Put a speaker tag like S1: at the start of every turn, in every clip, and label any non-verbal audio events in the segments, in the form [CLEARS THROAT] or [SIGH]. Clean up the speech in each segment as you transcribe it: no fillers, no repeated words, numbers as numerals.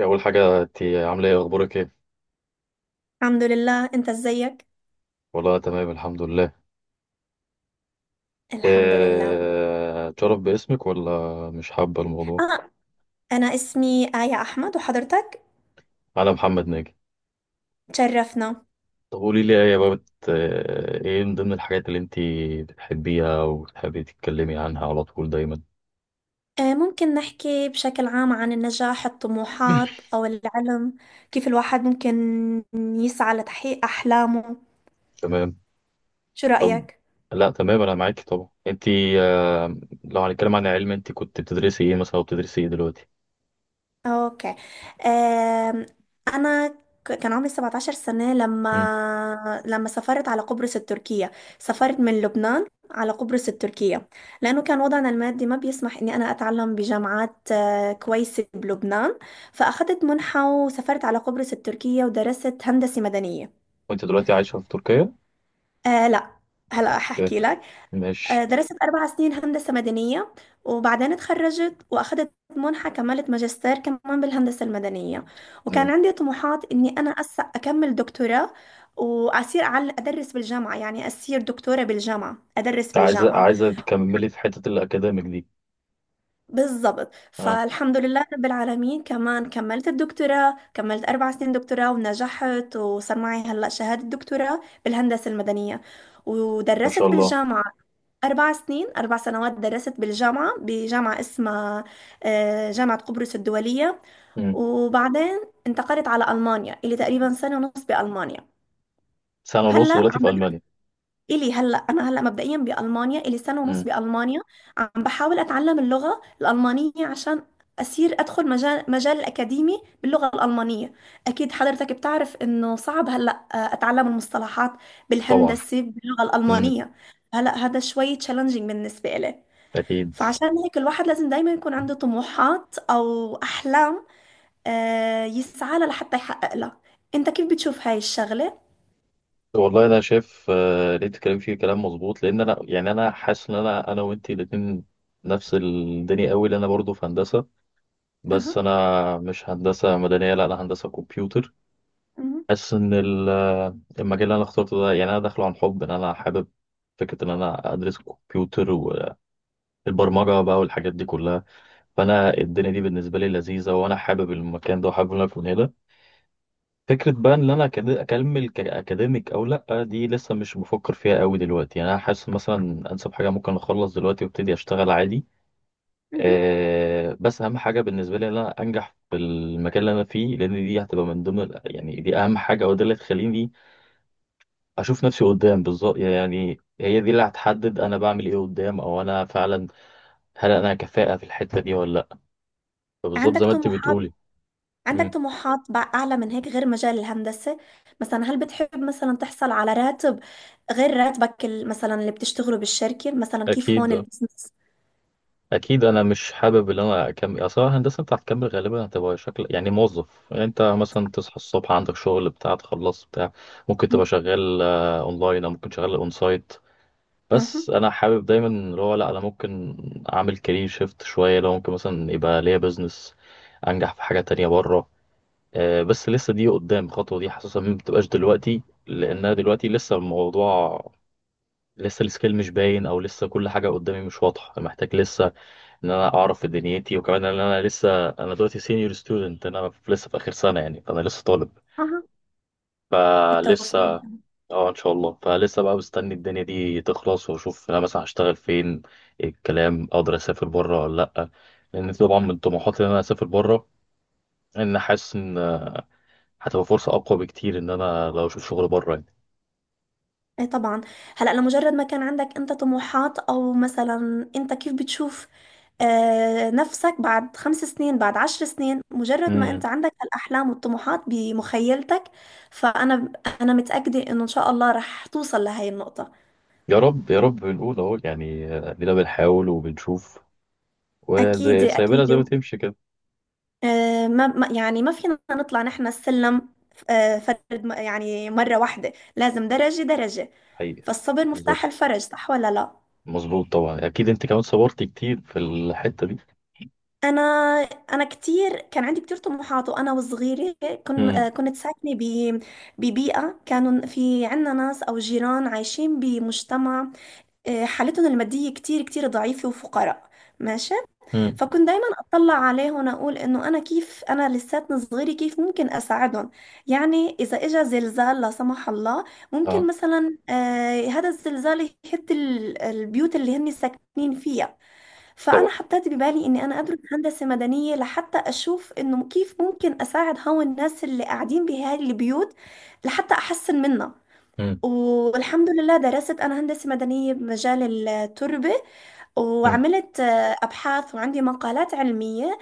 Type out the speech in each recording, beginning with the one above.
S1: أول حاجة أنت عاملة إيه؟ أخبارك إيه؟
S2: الحمد لله، انت ازيك؟
S1: والله تمام، الحمد لله.
S2: الحمد لله.
S1: إيه، تشرف باسمك ولا مش حابة الموضوع؟
S2: اه. انا اسمي آية احمد، وحضرتك؟
S1: أنا محمد ناجي.
S2: تشرفنا.
S1: طب قولي لي إيه يا بابت، إيه من ضمن الحاجات اللي أنت بتحبيها وتحبي تتكلمي عنها على طول دايما؟
S2: ممكن نحكي بشكل عام عن النجاح، الطموحات
S1: [CLEARS THROAT]
S2: او العلم، كيف الواحد ممكن يسعى لتحقيق احلامه؟
S1: تمام.
S2: شو
S1: طب،
S2: رأيك؟
S1: لا تمام، أنا معاكي طبعا. أنت آه، لو هنتكلم عن علم، أنت كنت بتدرسي إيه مثلا وبتدرسي إيه دلوقتي؟
S2: اوكي. أم، انا كان عمري 17 سنة
S1: مم.
S2: لما سافرت على قبرص التركية. سافرت من لبنان على قبرص التركية لأنه كان وضعنا المادي ما بيسمح إني أنا أتعلم بجامعات كويسة بلبنان، فأخذت منحة وسافرت على قبرص التركية ودرست هندسة مدنية.
S1: وأنت دلوقتي عايشة في تركيا؟
S2: أه، لا. هلا ححكي
S1: أوكي،
S2: لك.
S1: ماشي.
S2: درست أربع سنين هندسة مدنية، وبعدين اتخرجت وأخدت منحة، كملت ماجستير كمان بالهندسة المدنية، وكان
S1: مم.
S2: عندي طموحات إني أنا أكمل دكتوراه، وأصير أدرس بالجامعة، يعني أصير دكتورة بالجامعة أدرس
S1: عايزة
S2: بالجامعة.
S1: عايزة تكملي في حتة الأكاديميك دي.
S2: بالضبط،
S1: اه.
S2: فالحمد لله رب العالمين، كمان كملت الدكتوراه، كملت أربع سنين دكتوراه ونجحت، وصار معي هلأ شهادة دكتوراه بالهندسة المدنية.
S1: ما شاء
S2: ودرست
S1: الله.
S2: بالجامعة أربع سنين، أربع سنوات درست بالجامعة، بجامعة اسمها جامعة قبرص الدولية.
S1: مم.
S2: وبعدين انتقلت على ألمانيا، إلي تقريبا سنة ونص بألمانيا.
S1: سنة
S2: هلا
S1: ونص دلوقتي
S2: عم
S1: في
S2: بدأ،
S1: ألمانيا.
S2: إلي هلا أنا هلا مبدئيا بألمانيا، إلي سنة ونص
S1: مم.
S2: بألمانيا. عم بحاول أتعلم اللغة الألمانية عشان أصير أدخل مجال الأكاديمي باللغة الألمانية. أكيد حضرتك بتعرف إنه صعب هلا أتعلم المصطلحات
S1: طبعا.
S2: بالهندسة باللغة
S1: مم.
S2: الألمانية. هلا هذا شوي تشالنجينج بالنسبة إلي،
S1: أكيد.
S2: فعشان هيك الواحد لازم دايما يكون عنده طموحات أو أحلام يسعى لها لحتى يحقق لها. أنت كيف بتشوف هاي الشغلة؟
S1: والله أنا شايف، اللي أنت بتتكلم فيه كلام مظبوط، لأن أنا يعني أنا حاسس إن أنا وأنت الاتنين نفس الدنيا قوي، لأن أنا برضه في هندسة، بس
S2: أها.
S1: أنا مش هندسة مدنية، لا أنا هندسة كمبيوتر.
S2: مهم.
S1: حاسس إن المجال اللي أنا اخترته ده، يعني أنا داخله عن حب، إن أنا حابب فكرة إن أنا أدرس كمبيوتر والبرمجة بقى والحاجات دي كلها. فأنا الدنيا دي بالنسبة لي لذيذة، وأنا حابب المكان ده وحابب إن أنا أكون هنا. فكرة بقى ان انا اكمل كاكاديميك او لا، دي لسه مش بفكر فيها قوي دلوقتي، يعني انا حاسس مثلا انسب حاجة ممكن اخلص دلوقتي وابتدي اشتغل عادي.
S2: مهم.
S1: أه، بس اهم حاجة بالنسبة لي ان انا انجح في المكان اللي انا فيه، لان دي هتبقى من ضمن يعني دي اهم حاجة، وده اللي تخليني اشوف نفسي قدام بالظبط، يعني هي دي اللي هتحدد انا بعمل ايه قدام، او انا فعلا هل انا كفاءة في الحتة دي ولا لا. فبالظبط زي
S2: عندك
S1: ما انت
S2: طموحات،
S1: بتقولي.
S2: عندك
S1: مم،
S2: طموحات أعلى من هيك غير مجال الهندسة، مثلا هل بتحب مثلا تحصل على راتب غير مثلا اللي بتشتغله بالشركة، مثلا كيف
S1: اكيد.
S2: هون البزنس؟
S1: اكيد انا مش حابب ان انا اكمل اصل الهندسه، انت هتكمل غالبا هتبقى شكل يعني موظف، يعني انت مثلا تصحى الصبح عندك شغل بتاع، تخلص بتاع، ممكن تبقى
S2: مهم.
S1: شغال اونلاين او ممكن شغال اون سايت.
S2: أها.
S1: بس انا حابب دايما اللي هو، لا انا ممكن اعمل كارير شيفت شويه، لو ممكن مثلا يبقى ليا بزنس انجح في حاجه تانية بره. بس لسه دي قدام، الخطوه دي حاسسها ما بتبقاش دلوقتي، لانها دلوقتي لسه الموضوع لسه، السكيل مش باين، او لسه كل حاجه قدامي مش واضحه، محتاج لسه ان انا اعرف في دنيتي. وكمان ان انا لسه، انا دلوقتي سينيور ستودنت، انا لسه في اخر سنه يعني، فانا لسه طالب.
S2: أها. بالتوفيق.
S1: فلسه اه ان شاء الله، فلسه بقى مستني الدنيا دي تخلص، واشوف انا مثلا هشتغل فين، إيه الكلام، اقدر اسافر بره ولا لا، لان طبعا من طموحاتي ان انا اسافر بره، ان حاسس ان هتبقى فرصه اقوى بكتير ان انا لو اشوف شغل بره يعني.
S2: اي طبعا. هلا لمجرد ما كان عندك انت طموحات، او مثلا انت كيف بتشوف آه نفسك بعد خمس سنين، بعد عشر سنين، مجرد ما انت
S1: امم.
S2: عندك الاحلام والطموحات بمخيلتك، فانا انا متاكده انه ان شاء الله رح توصل لهي النقطه.
S1: يا رب يا رب، بنقول اهو يعني، ادينا بنحاول وبنشوف،
S2: اكيد،
S1: وزي سايبنا
S2: اكيد.
S1: زي ما تمشي كده.
S2: آه، يعني ما فينا نطلع نحن السلم آه فرد، يعني مره واحده لازم درجه درجه.
S1: حقيقة.
S2: فالصبر
S1: بالظبط.
S2: مفتاح الفرج، صح ولا لا؟
S1: مظبوط طبعا، اكيد انت كمان صبرت كتير في الحته دي.
S2: انا انا كتير كان عندي كتير طموحات، وانا وصغيره كن
S1: امم.
S2: كنت ساكنه ببيئه، كانوا في عنا ناس او جيران عايشين بمجتمع حالتهم الماديه كتير كتير ضعيفه وفقراء. ماشي.
S1: امم.
S2: فكنت دايما اطلع عليهم، اقول انه انا كيف انا لساتني صغيره كيف ممكن اساعدهم، يعني اذا اجى زلزال لا سمح الله ممكن
S1: اه
S2: مثلا هذا الزلزال يهد البيوت اللي هن ساكنين فيها. فأنا
S1: طبعا.
S2: حطيت ببالي إني أنا أدرس هندسة مدنية لحتى أشوف إنه كيف ممكن أساعد هون الناس اللي قاعدين بهاي البيوت، لحتى أحسن منها.
S1: امم.
S2: والحمد لله درست أنا هندسة مدنية بمجال التربة،
S1: امم.
S2: وعملت أبحاث وعندي مقالات علمية.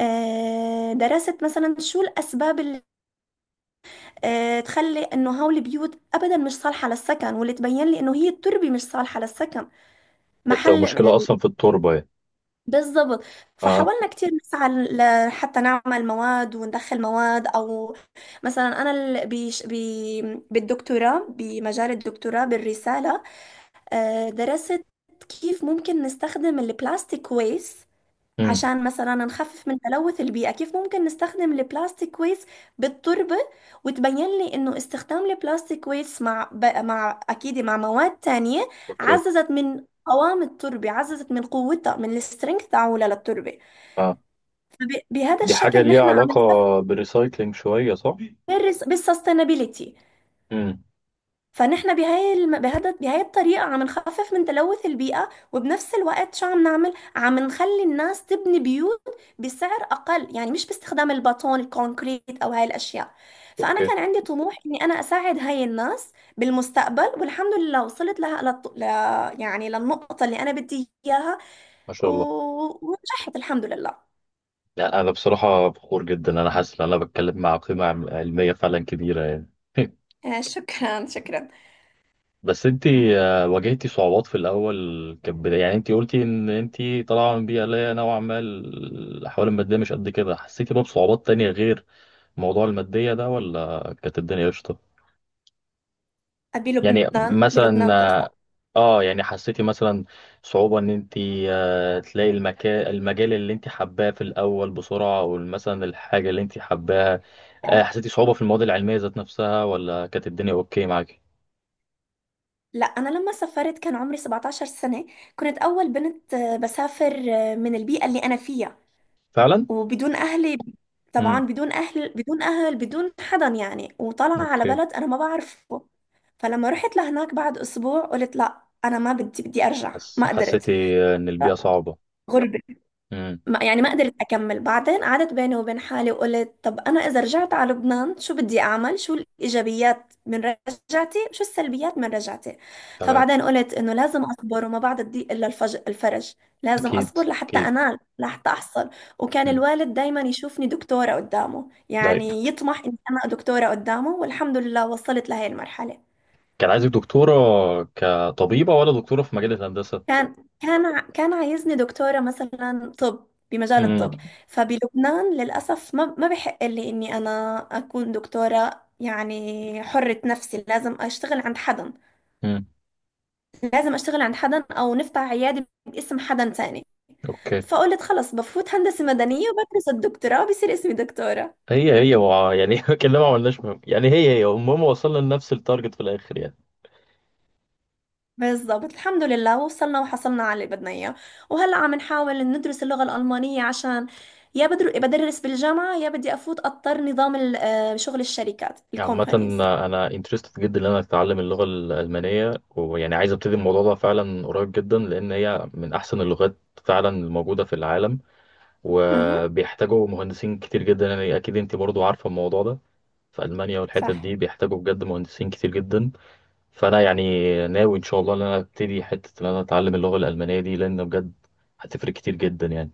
S2: درست مثلا شو الأسباب اللي تخلي إنه هول البيوت أبدا مش صالحة للسكن، واللي تبين لي إنه هي التربة مش صالحة للسكن
S1: هي بتبقى
S2: محل.
S1: مشكله اصلا في التربه يعني.
S2: بالظبط.
S1: اه.
S2: فحاولنا كتير نسعى حتى نعمل مواد وندخل مواد، او مثلا انا بيش بي بالدكتوراه، بمجال الدكتوراه بالرساله درست كيف ممكن نستخدم البلاستيك ويست
S1: امم.
S2: عشان مثلا نخفف من تلوث البيئة، كيف ممكن نستخدم البلاستيك ويست بالتربة. وتبين لي انه استخدام البلاستيك ويست مع مع اكيد مع مواد تانية
S1: اوكي.
S2: عززت من قوام التربة، عززت من قوتها، من السترينث تاعولها للتربة.
S1: اه.
S2: بهذا
S1: دي حاجه
S2: الشكل
S1: ليها
S2: نحن عم
S1: علاقه
S2: نفكر
S1: بالريسايكلينج شويه صح.
S2: بالسستينابيليتي،
S1: امم.
S2: فان احنا بهاي بهذا بهاي الطريقه عم نخفف من تلوث البيئه، وبنفس الوقت شو عم نعمل؟ عم نخلي الناس تبني بيوت بسعر اقل، يعني مش باستخدام البطون الكونكريت او هاي الاشياء. فانا
S1: اوكي.
S2: كان عندي طموح اني انا اساعد هاي الناس بالمستقبل، والحمد لله وصلت لها يعني للنقطه اللي انا بدي اياها
S1: ما
S2: و...
S1: شاء الله.
S2: ونجحت الحمد لله.
S1: لا انا بصراحه فخور جدا، انا حاسس ان انا بتكلم مع قيمه علميه فعلا كبيره يعني. [LAUGHS]
S2: شكرا، شكرا.
S1: بس انت، واجهتي صعوبات في الاول كبداية، يعني انت قلتي ان انت طالعه من بيئه اللي هي نوعا ما الاحوال الماديه مش قد كده، حسيتي بقى بصعوبات تانية غير موضوع الماديه ده، ولا كانت الدنيا قشطه؟ يعني
S2: بلبنان؟
S1: مثلا
S2: بلبنان تقصد؟
S1: اه، يعني حسيتي مثلا صعوبه ان انت تلاقي المكان المجال اللي انت حباه في الاول بسرعه، او مثلا الحاجه اللي انت حباها، حسيتي صعوبه في المواد العلميه ذات نفسها، ولا كانت الدنيا اوكي معاكي؟
S2: لا، انا لما سافرت كان عمري 17 سنة، كنت اول بنت بسافر من البيئة اللي انا فيها
S1: فعلا.
S2: وبدون اهلي. طبعا
S1: امم.
S2: بدون اهل، بدون اهل، بدون حدا، يعني وطالعة على
S1: اوكي.
S2: بلد انا ما بعرفه. فلما رحت لهناك بعد اسبوع قلت لا انا ما بدي، بدي ارجع، ما قدرت.
S1: حسيتي ان البيئه صعبه.
S2: غربة.
S1: امم.
S2: ما يعني ما قدرت أكمل، بعدين قعدت بيني وبين حالي وقلت طب أنا إذا رجعت على لبنان شو بدي أعمل، شو الإيجابيات من رجعتي، شو السلبيات من رجعتي.
S1: تمام.
S2: فبعدين قلت إنه لازم أصبر، وما بعد الضيق إلا الفرج، لازم
S1: اكيد
S2: أصبر لحتى
S1: اكيد.
S2: أنال، لحتى أحصل. وكان
S1: امم.
S2: الوالد دايما يشوفني دكتورة قدامه،
S1: طيب
S2: يعني يطمح إني أنا دكتورة قدامه، والحمد لله وصلت لهي المرحلة.
S1: كان عايزك دكتوره كطبيبه ولا دكتوره في مجال الهندسه؟
S2: كان عايزني دكتورة مثلا طب، بمجال
S1: امم.
S2: الطب. فبلبنان للأسف ما بحق لي إني أنا أكون دكتورة، يعني حرة نفسي، لازم أشتغل عند حدا،
S1: امم.
S2: لازم أشتغل عند حدا أو نفتح عيادة باسم حدا تاني.
S1: اوكي.
S2: فقلت خلص بفوت هندسة مدنية وبدرس الدكتوراه بصير اسمي دكتورة.
S1: هي هي و... يعني [LAUGHS] كلنا ما عملناش مهم. يعني هي هي المهم وصلنا لنفس التارجت في الاخر يعني.
S2: بالضبط، الحمد لله وصلنا وحصلنا على اللي بدنا اياه. وهلا عم نحاول ندرس اللغة الألمانية عشان يا بدر بدرس بالجامعة، يا بدي أفوت أضطر نظام شغل الشركات
S1: عامة،
S2: الكومبانيز.
S1: أنا انترستد جدا إن أنا أتعلم اللغة الألمانية، ويعني عايز أبتدي الموضوع ده فعلا قريب جدا، لأن هي من أحسن اللغات فعلا الموجودة في العالم،
S2: اها.
S1: وبيحتاجوا مهندسين كتير جدا، يعني أكيد أنت برضو عارفة الموضوع ده، في ألمانيا والحتت
S2: صح.
S1: دي بيحتاجوا بجد مهندسين كتير جدا. فأنا يعني ناوي إن شاء الله إن أنا أبتدي حتة إن أنا أتعلم اللغة الألمانية دي، لأن بجد هتفرق كتير جدا يعني.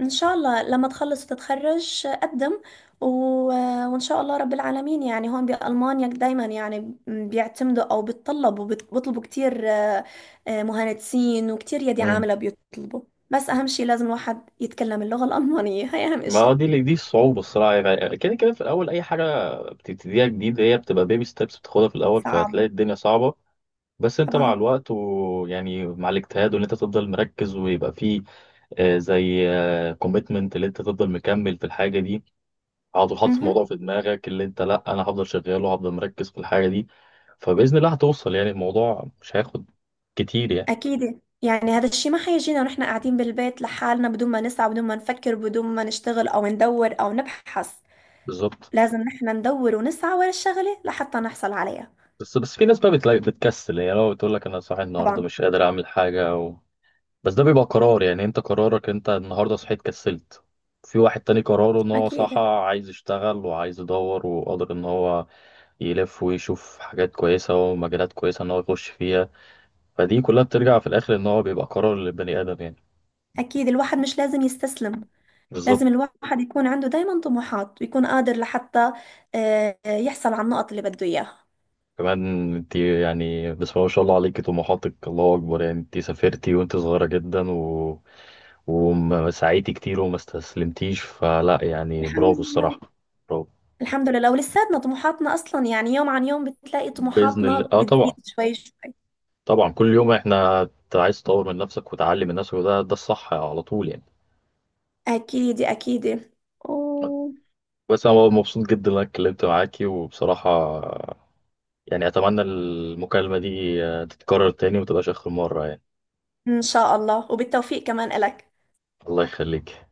S2: إن شاء الله لما تخلص وتتخرج قدم و... وإن شاء الله رب العالمين، يعني هون بألمانيا دايما يعني بيعتمدوا أو بيتطلبوا بيطلبوا كتير مهندسين، وكتير يدي
S1: مم.
S2: عاملة بيطلبوا. بس أهم شيء لازم الواحد يتكلم اللغة الألمانية، هي أهم
S1: ما هو
S2: إشي.
S1: دي الصعوبة الصراحة، يعني كده كده في الأول أي حاجة بتبتديها جديد هي بتبقى بيبي ستيبس بتاخدها في الأول،
S2: صعب.
S1: فهتلاقي الدنيا صعبة. بس أنت مع
S2: طبعا.
S1: الوقت ويعني مع الاجتهاد، وإن أنت تفضل مركز ويبقى فيه زي كوميتمنت، اللي أنت تفضل مكمل في الحاجة دي، حاطط حاطط
S2: امم.
S1: الموضوع في دماغك، اللي انت لا انا هفضل شغال وهفضل مركز في الحاجه دي، فباذن الله هتوصل يعني، الموضوع مش هياخد كتير يعني.
S2: اكيد، يعني هذا الشيء ما حيجينا ونحن قاعدين بالبيت لحالنا بدون ما نسعى، بدون ما نفكر، بدون ما نشتغل او ندور او نبحث.
S1: بالظبط.
S2: لازم نحن ندور ونسعى ورا الشغلة لحتى نحصل عليها.
S1: بس بس في ناس بقى بتلاقي بتكسل، يعني لو بتقول لك انا صاحي النهارده
S2: طبعا.
S1: مش قادر اعمل حاجه و...، بس ده بيبقى قرار، يعني انت قرارك انت النهارده صحيت كسلت، في واحد تاني قراره ان هو صحى
S2: اكيد،
S1: عايز يشتغل وعايز يدور وقادر ان هو يلف ويشوف حاجات كويسه ومجالات كويسه ان هو يخش فيها، فدي كلها بترجع في الاخر ان هو بيبقى قرار للبني ادم يعني.
S2: اكيد الواحد مش لازم يستسلم، لازم
S1: بالظبط.
S2: الواحد يكون عنده دايما طموحات ويكون قادر لحتى يحصل على النقط اللي بده اياها.
S1: كمان انت يعني بسم الله ما شاء الله عليكي طموحاتك، الله اكبر، يعني انت سافرتي وانت صغيره جدا و...، وسعيتي كتير وما استسلمتيش، فلا يعني
S2: الحمد
S1: برافو
S2: لله.
S1: الصراحه. برافو.
S2: الحمد لله ولساتنا طموحاتنا اصلا، يعني يوم عن يوم بتلاقي
S1: باذن الله
S2: طموحاتنا
S1: اه
S2: بتزيد
S1: طبعا،
S2: شوي شوي.
S1: طبعا كل يوم احنا انت عايز تطور من نفسك وتعلي من نفسك، وده ده الصح على طول يعني.
S2: أكيد، أكيد.
S1: بس انا مبسوط جدا ان انا اتكلمت معاكي، وبصراحه يعني اتمنى المكالمه دي تتكرر تاني ومتبقاش اخر مره يعني.
S2: إن شاء الله، وبالتوفيق كمان إلك.
S1: الله يخليك.